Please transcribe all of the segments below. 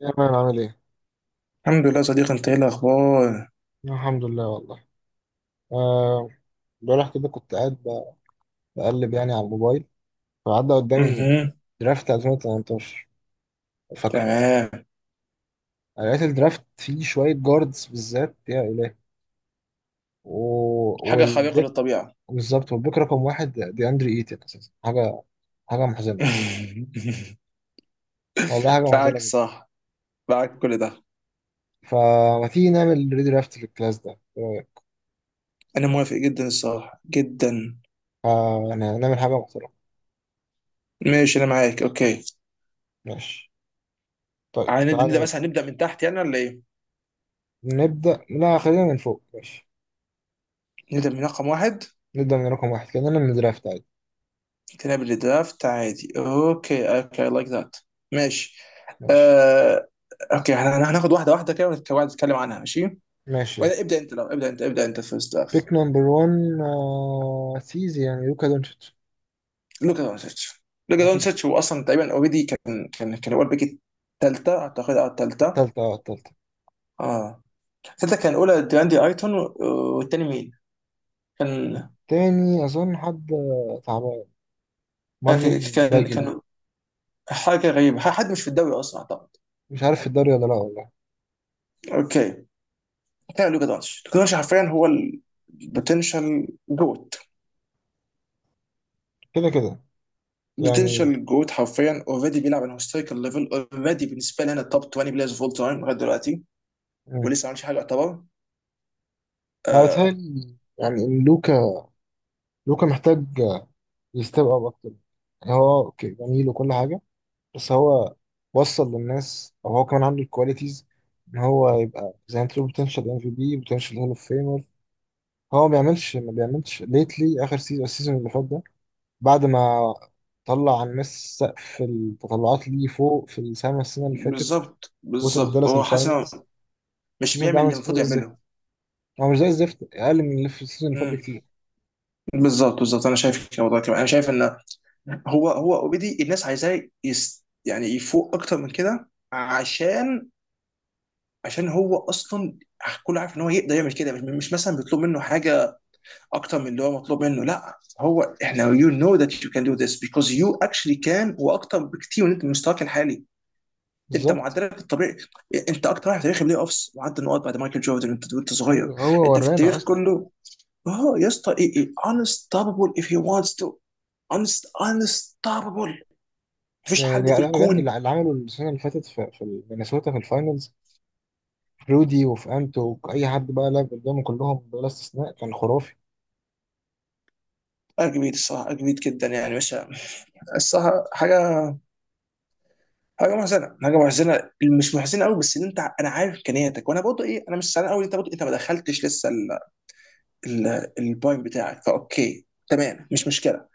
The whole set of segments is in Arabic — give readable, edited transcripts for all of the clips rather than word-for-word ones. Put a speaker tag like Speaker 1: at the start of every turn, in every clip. Speaker 1: يا مان عامل ايه؟
Speaker 2: الحمد لله يا صديقي، انت ايه الاخبار؟
Speaker 1: الحمد لله والله. آه. امبارح كده كنت بقلب يعني على الموبايل. فعدى قدامي
Speaker 2: اها.
Speaker 1: درافت 2018 فاكره.
Speaker 2: تمام.
Speaker 1: لقيت الدرافت فيه شوية جاردز بالذات يا إلهي و...
Speaker 2: حاجه خارقه
Speaker 1: والبيك.
Speaker 2: للطبيعه.
Speaker 1: بالظبط، والبيك رقم واحد دي أندري إيتن أساسا، حاجة محزنة يعني. والله حاجة
Speaker 2: معاك
Speaker 1: محزنة جدا.
Speaker 2: صح، معاك كل ده.
Speaker 1: فما تيجي نعمل ريدرافت في الكلاس ده، إيه رأيك؟
Speaker 2: انا موافق جدا الصراحه، جدا.
Speaker 1: يعني نعمل حاجة محترمة.
Speaker 2: ماشي انا معاك، اوكي.
Speaker 1: ماشي، طيب
Speaker 2: عايز
Speaker 1: تعالى
Speaker 2: نبدا مثلا
Speaker 1: نبدأ.
Speaker 2: نبدا من تحت ولا ايه؟
Speaker 1: لا، خلينا من فوق ماشي.
Speaker 2: نبدا من رقم واحد،
Speaker 1: نبدأ من رقم واحد كأننا من درافت عادي.
Speaker 2: كلاب الدرافت عادي. اوكي اوكي، لايك ذات. ماشي.
Speaker 1: ماشي
Speaker 2: آه... اوكي، هناخد واحده واحده كده ونتكلم عنها، ماشي.
Speaker 1: ماشي يلا.
Speaker 2: ولا ابدا انت، لو ابدا انت، ابدا انت فيرست.
Speaker 1: بيك نمبر 1، سيزي يعني لوكا دونتش.
Speaker 2: لوكا دونتش، لوكا
Speaker 1: أكيد.
Speaker 2: دونتش هو اصلا تقريبا اوريدي كان هو البيك الثالثه اعتقد. اه، الثالثه.
Speaker 1: تالتة، التالتة.
Speaker 2: اه، الثالثه كان الاولى دراندي ايتون والتاني مين؟ كان،
Speaker 1: التاني أظن حد تعبان، مارلون
Speaker 2: كان
Speaker 1: باجلي.
Speaker 2: كان حاجه غريبه، حد مش في الدوري اصلا اعتقد.
Speaker 1: مش عارف في الدوري ولا لا والله.
Speaker 2: اوكي. كان لوكا دونتش، لوكا دونتش حرفيا هو البوتنشال جوت.
Speaker 1: كده كده يعني.
Speaker 2: بوتنشال جوت حرفيا اوريدي بيلعب على هيستوريكال ليفل. اوريدي بالنسبه لنا توب 20 بلايرز فول تايم لغايه دلوقتي،
Speaker 1: مم.
Speaker 2: ولسه ما عملش حاجه يعتبر.
Speaker 1: أنا
Speaker 2: آه،
Speaker 1: بتهيألي يعني إن لوكا محتاج يستيب أب أكتر. يعني هو أوكي جميل وكل حاجة، بس هو وصل للناس، أو هو كمان عنده الكواليتيز إن هو يبقى زي ما أنت بوتنشال ام في بي، بوتنشال هول اوف فيمر. هو ما بيعملش ليتلي اخر سيزون، السيزون اللي فات ده. بعد ما طلع على الناس سقف التطلعات ليه فوق في السما السنه اللي فاتت،
Speaker 2: بالظبط
Speaker 1: وصل
Speaker 2: بالظبط،
Speaker 1: بدالاس
Speaker 2: هو حاسس
Speaker 1: الفاينلز.
Speaker 2: مش
Speaker 1: السيزون ده
Speaker 2: بيعمل اللي
Speaker 1: عمل سيزون
Speaker 2: المفروض
Speaker 1: زي الزفت.
Speaker 2: يعمله.
Speaker 1: هو مش زي الزفت، اقل من اللي في السيزون اللي فات
Speaker 2: امم،
Speaker 1: بكتير.
Speaker 2: بالظبط بالظبط، انا شايف كده والله. كمان انا شايف ان هو اوريدي الناس عايزاه يس، يعني يفوق اكتر من كده. عشان هو اصلا كله عارف ان هو يقدر يعمل كده. مش مثلا بيطلب منه حاجه اكتر من اللي هو مطلوب منه، لا هو احنا يو نو ذات يو كان دو ذس بيكوز يو اكشلي كان واكتر بكتير من انت، من مستواك الحالي. انت
Speaker 1: بالظبط.
Speaker 2: معدلك الطبيعي، انت اكتر واحد في تاريخ البلاي اوفس معدل نقاط بعد مايكل جوردن، وانت
Speaker 1: ايوه
Speaker 2: صغير.
Speaker 1: هو
Speaker 2: انت في
Speaker 1: ورانا
Speaker 2: التاريخ
Speaker 1: اصلا.
Speaker 2: كله. اه يا اسطى، ايه ايه unstoppable if he wants to. Unstoppable. مفيش
Speaker 1: يعني
Speaker 2: حد في
Speaker 1: لا لا بجد،
Speaker 2: الكون.
Speaker 1: اللي عمله السنه اللي فاتت في مينيسوتا في الفاينلز، في رودي وفي انتو، اي حد بقى لعب قدامه كلهم بلا استثناء كان خرافي.
Speaker 2: اجمد الصراحه، اجمد جدا يعني. مش الصراحه حاجه، حاجه محزنه، حاجه محزنه. مش محزنه قوي، بس ان انت انا عارف امكانياتك. وانا برضه ايه، انا مش زعلان قوي إن انت برضه إيه، انت ما دخلتش لسه البوينت بتاعك. فاوكي تمام، مش مشكله.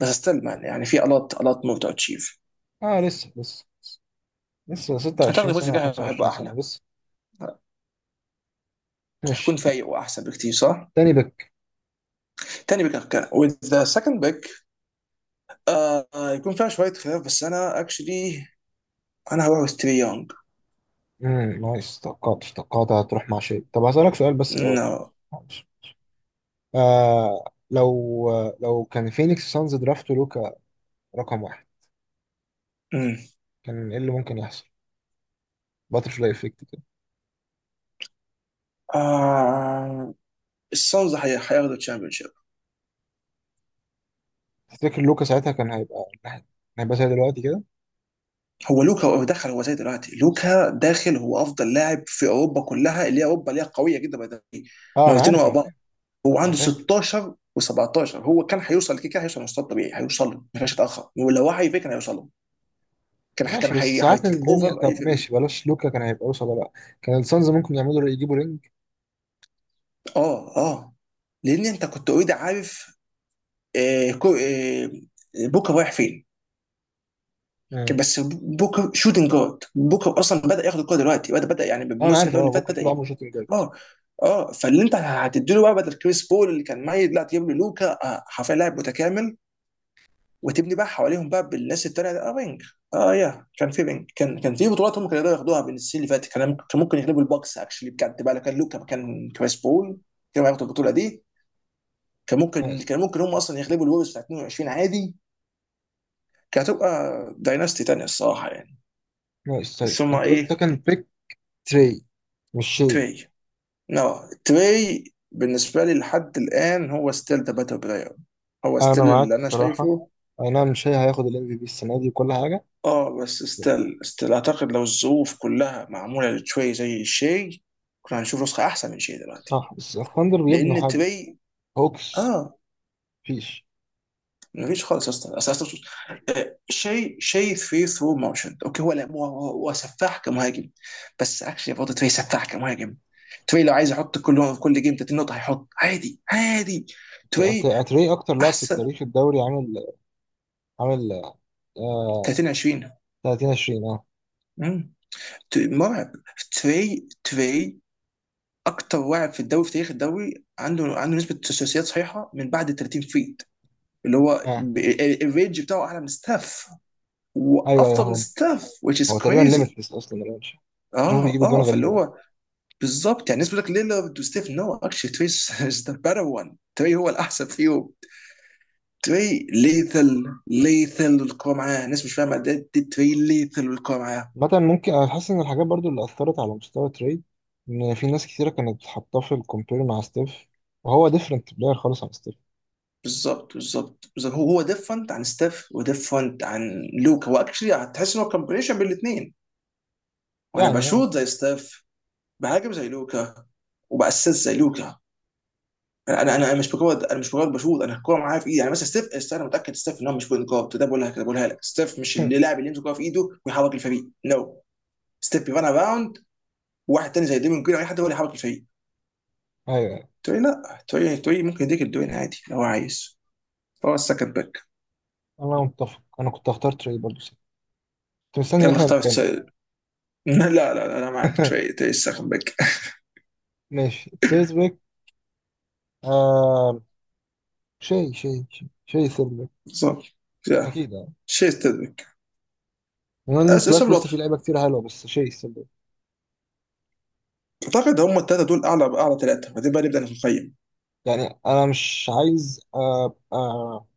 Speaker 2: بس استلم، يعني في الات مور تو اتشيف.
Speaker 1: اه، لسه
Speaker 2: اعتقد
Speaker 1: 26
Speaker 2: الموسم
Speaker 1: سنه او
Speaker 2: الجاي هيبقى
Speaker 1: 25 سنه
Speaker 2: احلى،
Speaker 1: لسه. ماشي.
Speaker 2: هيكون فايق واحسن بكتير، صح؟
Speaker 1: تاني.
Speaker 2: تاني بيك كان with the second pick. يكون فيها شوية خلاف، بس أنا أكشلي أنا هروح وستري يونج.
Speaker 1: نايس. توقعت هتروح مع شيء. طب هسألك سؤال بس الأول،
Speaker 2: نو.
Speaker 1: معلش معلش. آه لو لو كان فينيكس سانز درافت لوكا رقم واحد، كان ايه اللي ممكن يحصل؟ باترفلاي افكت كده.
Speaker 2: آه، السانز هياخدوا الشامبيون شيب.
Speaker 1: تفتكر لوكا ساعتها كان هيبقى زي دلوقتي كده؟
Speaker 2: هو لوكا دخل زي دلوقتي. لوكا داخل هو أفضل لاعب في أوروبا كلها، اللي هي أوروبا اللي هي قوية جدا by the way.
Speaker 1: اه انا
Speaker 2: مرتين
Speaker 1: عارف،
Speaker 2: ورا
Speaker 1: انا
Speaker 2: بعض،
Speaker 1: فاهم
Speaker 2: هو
Speaker 1: انا
Speaker 2: عنده
Speaker 1: فاهم
Speaker 2: 16 و17. هو كان هيوصل كده كده، هيوصل مستوى طبيعي، هيوصل له ما فيش يتأخر، ولو وعي فيه كان هيوصل له. كان
Speaker 1: ماشي. بس ساعات
Speaker 2: هيتيك
Speaker 1: الدنيا.
Speaker 2: اوفر أي
Speaker 1: طب
Speaker 2: فريق.
Speaker 1: ماشي بلاش لوكا كان هيبقى وصل ولا لا. كان السانز ممكن يعملوا يجيبوا رينج.
Speaker 2: اه اه، لان انت كنت اوريدي عارف آه، كو- آه، بوكا رايح فين.
Speaker 1: اه.
Speaker 2: كان بس بوكا شوتنج جارد، بوكا اصلا بدا ياخد الكوره دلوقتي، بدا يعني
Speaker 1: انا
Speaker 2: بالموسم
Speaker 1: عارف.
Speaker 2: ده
Speaker 1: اه
Speaker 2: اللي فات
Speaker 1: بكره
Speaker 2: بدا
Speaker 1: طول عمره شوتنج جارد.
Speaker 2: اه اه. فاللي انت هتديله بقى بدل كريس بول اللي كان ميت، لا تجيب له لوكا، حرفيا لاعب متكامل. وتبني بقى حواليهم بقى بالناس التانيه ده، اه رينج. اه، يا كان في رينج، كان في بطولات هم كانوا يقدروا ياخدوها بين السنين اللي فاتت. كان ممكن يغلبوا البوكس اكشلي بجد بقى، لو كان لوكا مكان كريس بول كانوا هياخدوا البطوله دي. كان ممكن
Speaker 1: نايس
Speaker 2: كان ممكن هم اصلا يغلبوا الوريوز بتاع 22 عادي. كانت هتبقى دايناستي تانية الصراحة يعني.
Speaker 1: نايس
Speaker 2: بس
Speaker 1: طيب
Speaker 2: هما
Speaker 1: انت قلت ده
Speaker 2: ايه،
Speaker 1: كان بيك تري. مش شيء.
Speaker 2: تري. نو، تري. بالنسبة لي لحد الآن هو ستيل ذا باتل بلاير، هو
Speaker 1: انا
Speaker 2: ستيل
Speaker 1: معاك
Speaker 2: اللي أنا
Speaker 1: الصراحه.
Speaker 2: شايفه.
Speaker 1: اي نعم مش هياخد الام في بي السنه دي وكل حاجه.
Speaker 2: اه بس ستيل أعتقد لو الظروف كلها معمولة لتري زي شي، كنا هنشوف نسخة أحسن من شي دلوقتي.
Speaker 1: صح بس الثاندر بيبنوا
Speaker 2: لأن
Speaker 1: حاجه.
Speaker 2: تري،
Speaker 1: هوكس
Speaker 2: اه،
Speaker 1: مفيش.
Speaker 2: مفيش خالص يا اسطى. شيء في ثرو موشن. اوكي هو لا، هو سفاح كمهاجم، بس اكشلي برضه تري سفاح كمهاجم. تري لو عايز يحط كل جيم 30 نقطه هيحط عادي عادي. تري
Speaker 1: اتري اكتر لاعب في
Speaker 2: احسن.
Speaker 1: التاريخ الدوري عامل آه
Speaker 2: 30 20.
Speaker 1: 30 20. اه
Speaker 2: مم. تري مرعب. تري تري اكتر واعد في الدوري، في تاريخ الدوري، عنده نسبه ثلاثيات صحيحه من بعد ال 30 فيت، اللي هو
Speaker 1: اه،
Speaker 2: الرينج بتاعه اعلى من ستاف،
Speaker 1: ايوه ايوه،
Speaker 2: وافضل من
Speaker 1: هو
Speaker 2: ستاف which is
Speaker 1: هو تقريبا
Speaker 2: crazy.
Speaker 1: ليميتلس اصلا الرانش. بشوفه
Speaker 2: اه
Speaker 1: بيجيب جون
Speaker 2: اه،
Speaker 1: غريب
Speaker 2: فاللي
Speaker 1: يعني.
Speaker 2: هو بالظبط. يعني الناس بتقول لك ليلارد وستيف، نو اكشلي تري از ذا بيتر وان. تري هو الاحسن فيهم. تري ليثل ليثل والكوره معاه، الناس مش فاهمه ده، تري ليثل والكوره معاه.
Speaker 1: مثلا ممكن انا حاسس ان الحاجات برضو اللي اثرت على مستوى تري ان في ناس كثيره كانت حاطاه في الكومبير مع ستيف، وهو ديفرنت بلاير خالص عن ستيف.
Speaker 2: بالظبط بالظبط بالظبط، هو ديفرنت عن ستيف وديفرنت عن لوكا. هو اكشلي هتحس ان هو كومبينيشن بين الاثنين. وانا
Speaker 1: يعني.
Speaker 2: بشوط زي ستيف، بهاجم زي لوكا، وباسس زي لوكا. انا مش مجرد بشوط، انا الكوره معايا في ايدي. يعني مثلا ستيف انا متاكد ستيف ان هو مش بوينت جارد. ده بقولها كده، بقولها لك ستيف مش
Speaker 1: ايوه.
Speaker 2: اللاعب اللي يمسك الكوره في ايده ويحرك الفريق، نو no. ستيب يبان اراوند، واحد تاني زي ديمون جرين او اي حد هو اللي يحرك الفريق.
Speaker 1: أيوة.
Speaker 2: تقول لي لا، تقول ممكن يديك الدوين عادي لو هو عايز، هو السكند باك.
Speaker 1: انا متفق، انا كنت هختار تري برضو، كنت مستني ان
Speaker 2: يلا
Speaker 1: احنا
Speaker 2: اختار
Speaker 1: نتخانق.
Speaker 2: لا لا لا انا معاك، تري تري السكند باك.
Speaker 1: ماشي سيرسبيك. آه. شيء سيرسبيك.
Speaker 2: بالظبط يا
Speaker 1: اكيد يعني.
Speaker 2: شيء يستدرك.
Speaker 1: المهم
Speaker 2: اسم
Speaker 1: الكلاس
Speaker 2: الوضع.
Speaker 1: لسه فيه لعيبه كتير حلوه بس شيء سيرسبيك.
Speaker 2: اعتقد هم الثلاثه دول اعلى ثلاثه، بعدين بقى نبدا نقيم.
Speaker 1: يعني انا مش عايز ابقى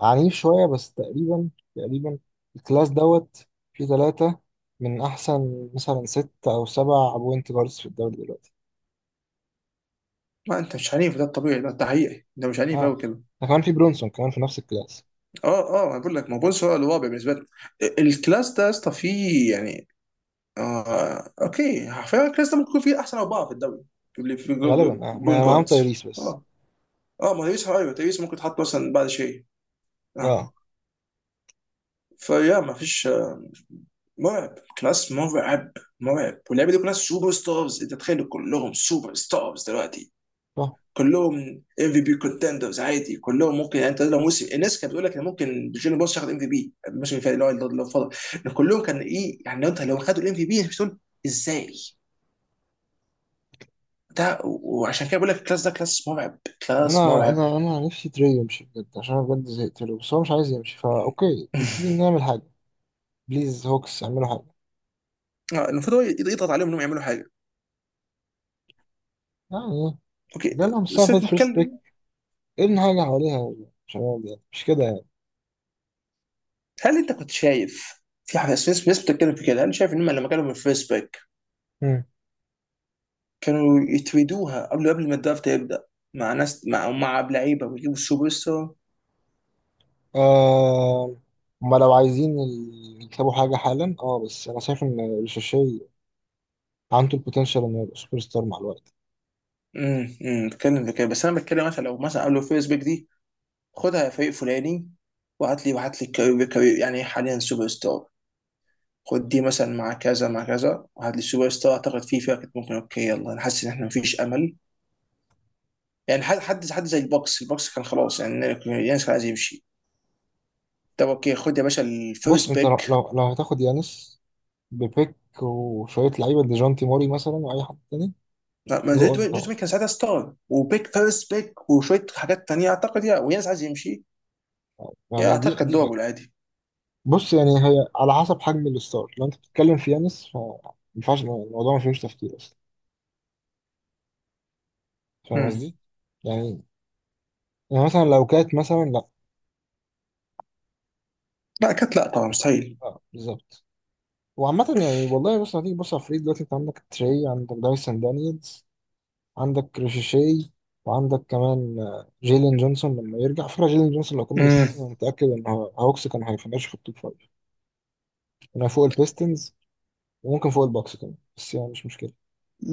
Speaker 1: عنيف شويه بس تقريبا، تقريبا الكلاس دوت فيه ثلاثه من احسن مثلا ست او سبع بوينت جاردز في الدوري دلوقتي.
Speaker 2: ما انت مش عنيف، ده الطبيعي، ده انت حقيقي انت مش عنيف قوي
Speaker 1: اه،
Speaker 2: كده.
Speaker 1: ده كمان في برونسون كمان في نفس الكلاس.
Speaker 2: اه اه، انا بقول لك ما بونس هو الواقع بالنسبه لي. الكلاس ده يا اسطى فيه يعني، آه اوكي فعلا كريستال ممكن يكون في احسن اربعه في الدوري في
Speaker 1: غالبا آه.
Speaker 2: بوينت
Speaker 1: معاهم
Speaker 2: جاردز.
Speaker 1: تايريس بس.
Speaker 2: اه اه، ما تيريس، ايوه تيريس ممكن تحط مثلا بعد شيء. اه،
Speaker 1: اه،
Speaker 2: فيا ما فيش مرعب، كلاس مرعب، مرعب. واللعيبه دي كلها سوبر ستارز، انت تخيل كلهم سوبر ستارز دلوقتي، كلهم ام في بي كونتندرز عادي. كلهم ممكن، يعني انت لو موسم، الناس كانت بتقول لك ان ممكن جوني بوس ياخد ام في بي الموسم اللي فات اللي هو اللي فضل. كلهم كان ايه يعني، لو انت لو خدوا الام في بي مش تقول ازاي. ده وعشان كده بقول لك الكلاس ده كلاس مرعب، كلاس
Speaker 1: انا
Speaker 2: مرعب.
Speaker 1: انا انا نفسي تري يمشي بجد عشان انا بجد زهقت له. بس هو مش عايز يمشي فا اوكي، نبتدي نعمل حاجه. بليز هوكس اعملوا حاجه
Speaker 2: آه، المفروض هو يضغط عليهم انهم يعملوا حاجه.
Speaker 1: يعني.
Speaker 2: اوكي،
Speaker 1: جالهم الساعه
Speaker 2: بس
Speaker 1: فات فيرست بيك،
Speaker 2: نتكلم.
Speaker 1: ابني حاجه حواليها يا شباب يعني مش كده يعني.
Speaker 2: هل انت كنت شايف في حاجه، في ناس بتتكلم في كده، هل شايف انهم لما كانوا من الفيرست باك
Speaker 1: هم.
Speaker 2: كانوا يتريدوها قبل ما الدرافت يبدا، مع ناس مع لعيبه، ويجيبوا السوبر ستار؟
Speaker 1: آه. هما لو عايزين يكتبوا حاجه حالا. اه بس انا شايف ان الشاشي عنده البوتنشال انه يبقى سوبر ستار مع الوقت.
Speaker 2: امم بتكلم في كده، بس انا بتكلم مثلا لو مثلا قبل الفيرست باك دي خدها يا فريق فلاني، وهات لي يعني حاليا سوبر ستار. خد دي مثلا مع كذا مع كذا وهات لي السوبر ستار. اعتقد فيه فيها كانت ممكن اوكي يلا، انا حاسس ان احنا مفيش امل يعني. حد زي البوكس، البوكس كان خلاص يعني يانس كان عايز يمشي، طب اوكي خد يا باشا
Speaker 1: بص
Speaker 2: الفيرست
Speaker 1: انت
Speaker 2: بيك.
Speaker 1: لو هتاخد يانس ببيك وشويه لعيبه ديجونتي موري مثلا واي حد تاني.
Speaker 2: ما ما
Speaker 1: جو
Speaker 2: جوت
Speaker 1: اون
Speaker 2: جوت
Speaker 1: طبعا.
Speaker 2: مين كان ساعتها ستار، وبيك فيرست بيك وشويه حاجات تانيه. اعتقد يا ويانس عايز يمشي، يا
Speaker 1: يعني دي
Speaker 2: اعتقد كانت
Speaker 1: دي
Speaker 2: دوبل عادي.
Speaker 1: بص يعني هي على حسب حجم الستار، لو انت بتتكلم في يانس فما ينفعش الموضوع ما فيهوش تفكير اصلا. فاهم
Speaker 2: مم.
Speaker 1: قصدي؟ يعني يعني مثلا لو كانت مثلا لا.
Speaker 2: لا كانت لا، طبعا مستحيل.
Speaker 1: آه بالظبط. وعامة يعني والله، بص هتيجي بص على الفريق دلوقتي، انت عندك تري، عندك دايسون دانييلز، عندك ريشيشي، وعندك كمان جيلين جونسون لما يرجع. على فكرة جيلين جونسون لو كمل
Speaker 2: مم.
Speaker 1: السيزون انا متأكد ان هوكس كان هيفنش في التوب فايف. كان فوق البيستنز وممكن فوق الباكس كمان، بس يعني مش مشكلة.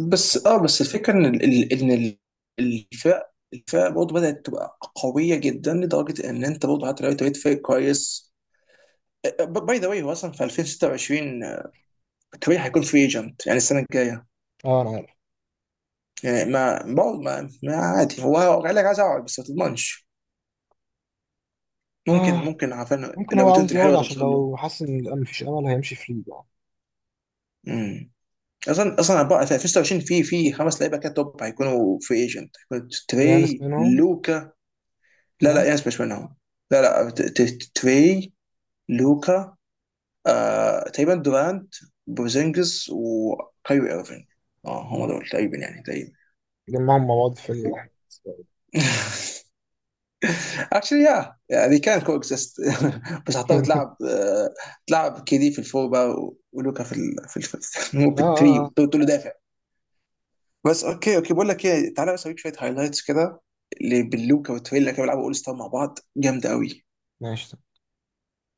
Speaker 2: بس
Speaker 1: اه.
Speaker 2: اه، بس الفكره ان الفرق برضه بدات تبقى قويه جدا، لدرجه ان انت برضه حتى لو انت بقيت فريق كويس. باي ذا واي هو اصلا في 2026 طبيعي هيكون فري ايجنت، يعني السنه الجايه.
Speaker 1: آه، انا عارف.
Speaker 2: يعني ما عادي، هو قال لك عايز اقعد بس ما تضمنش. ممكن
Speaker 1: آه.
Speaker 2: ممكن عارفين
Speaker 1: ممكن هو
Speaker 2: الاوبورتيونتي
Speaker 1: عاوز يقعد
Speaker 2: الحلوه
Speaker 1: عشان
Speaker 2: توصل له.
Speaker 1: لو حس ان مفيش امل هيمشي في ليج يعني.
Speaker 2: امم. اصلا بقى في 2026 في خمس لعيبه كده توب هيكونوا فري ايجنت، هيكونوا
Speaker 1: يانس
Speaker 2: تري،
Speaker 1: منهم،
Speaker 2: لوكا. لا لا،
Speaker 1: صح؟
Speaker 2: يانس مش منهم. لا لا، تري، لوكا، آه تقريبا دورانت، بوزينجز، وكايري ايرفينج. اه هم
Speaker 1: لا،
Speaker 2: دول تقريبا يعني، تقريبا
Speaker 1: جمعهم مع بعض في فريق واحد.
Speaker 2: اكشلي يا يعني كان كو اكزيست. بس هضطر تلعب تلعب كيدي في الفور بقى، ولوكا في
Speaker 1: اه
Speaker 2: في
Speaker 1: اه اه.
Speaker 2: الثري، تقول له دافع. بس اوكي اوكي، بقول لك ايه، تعالى بس اوريك شويه هايلايتس كده اللي باللوكا والتريلا كانوا بيلعبوا اول ستار مع بعض، جامده قوي.
Speaker 1: ماشي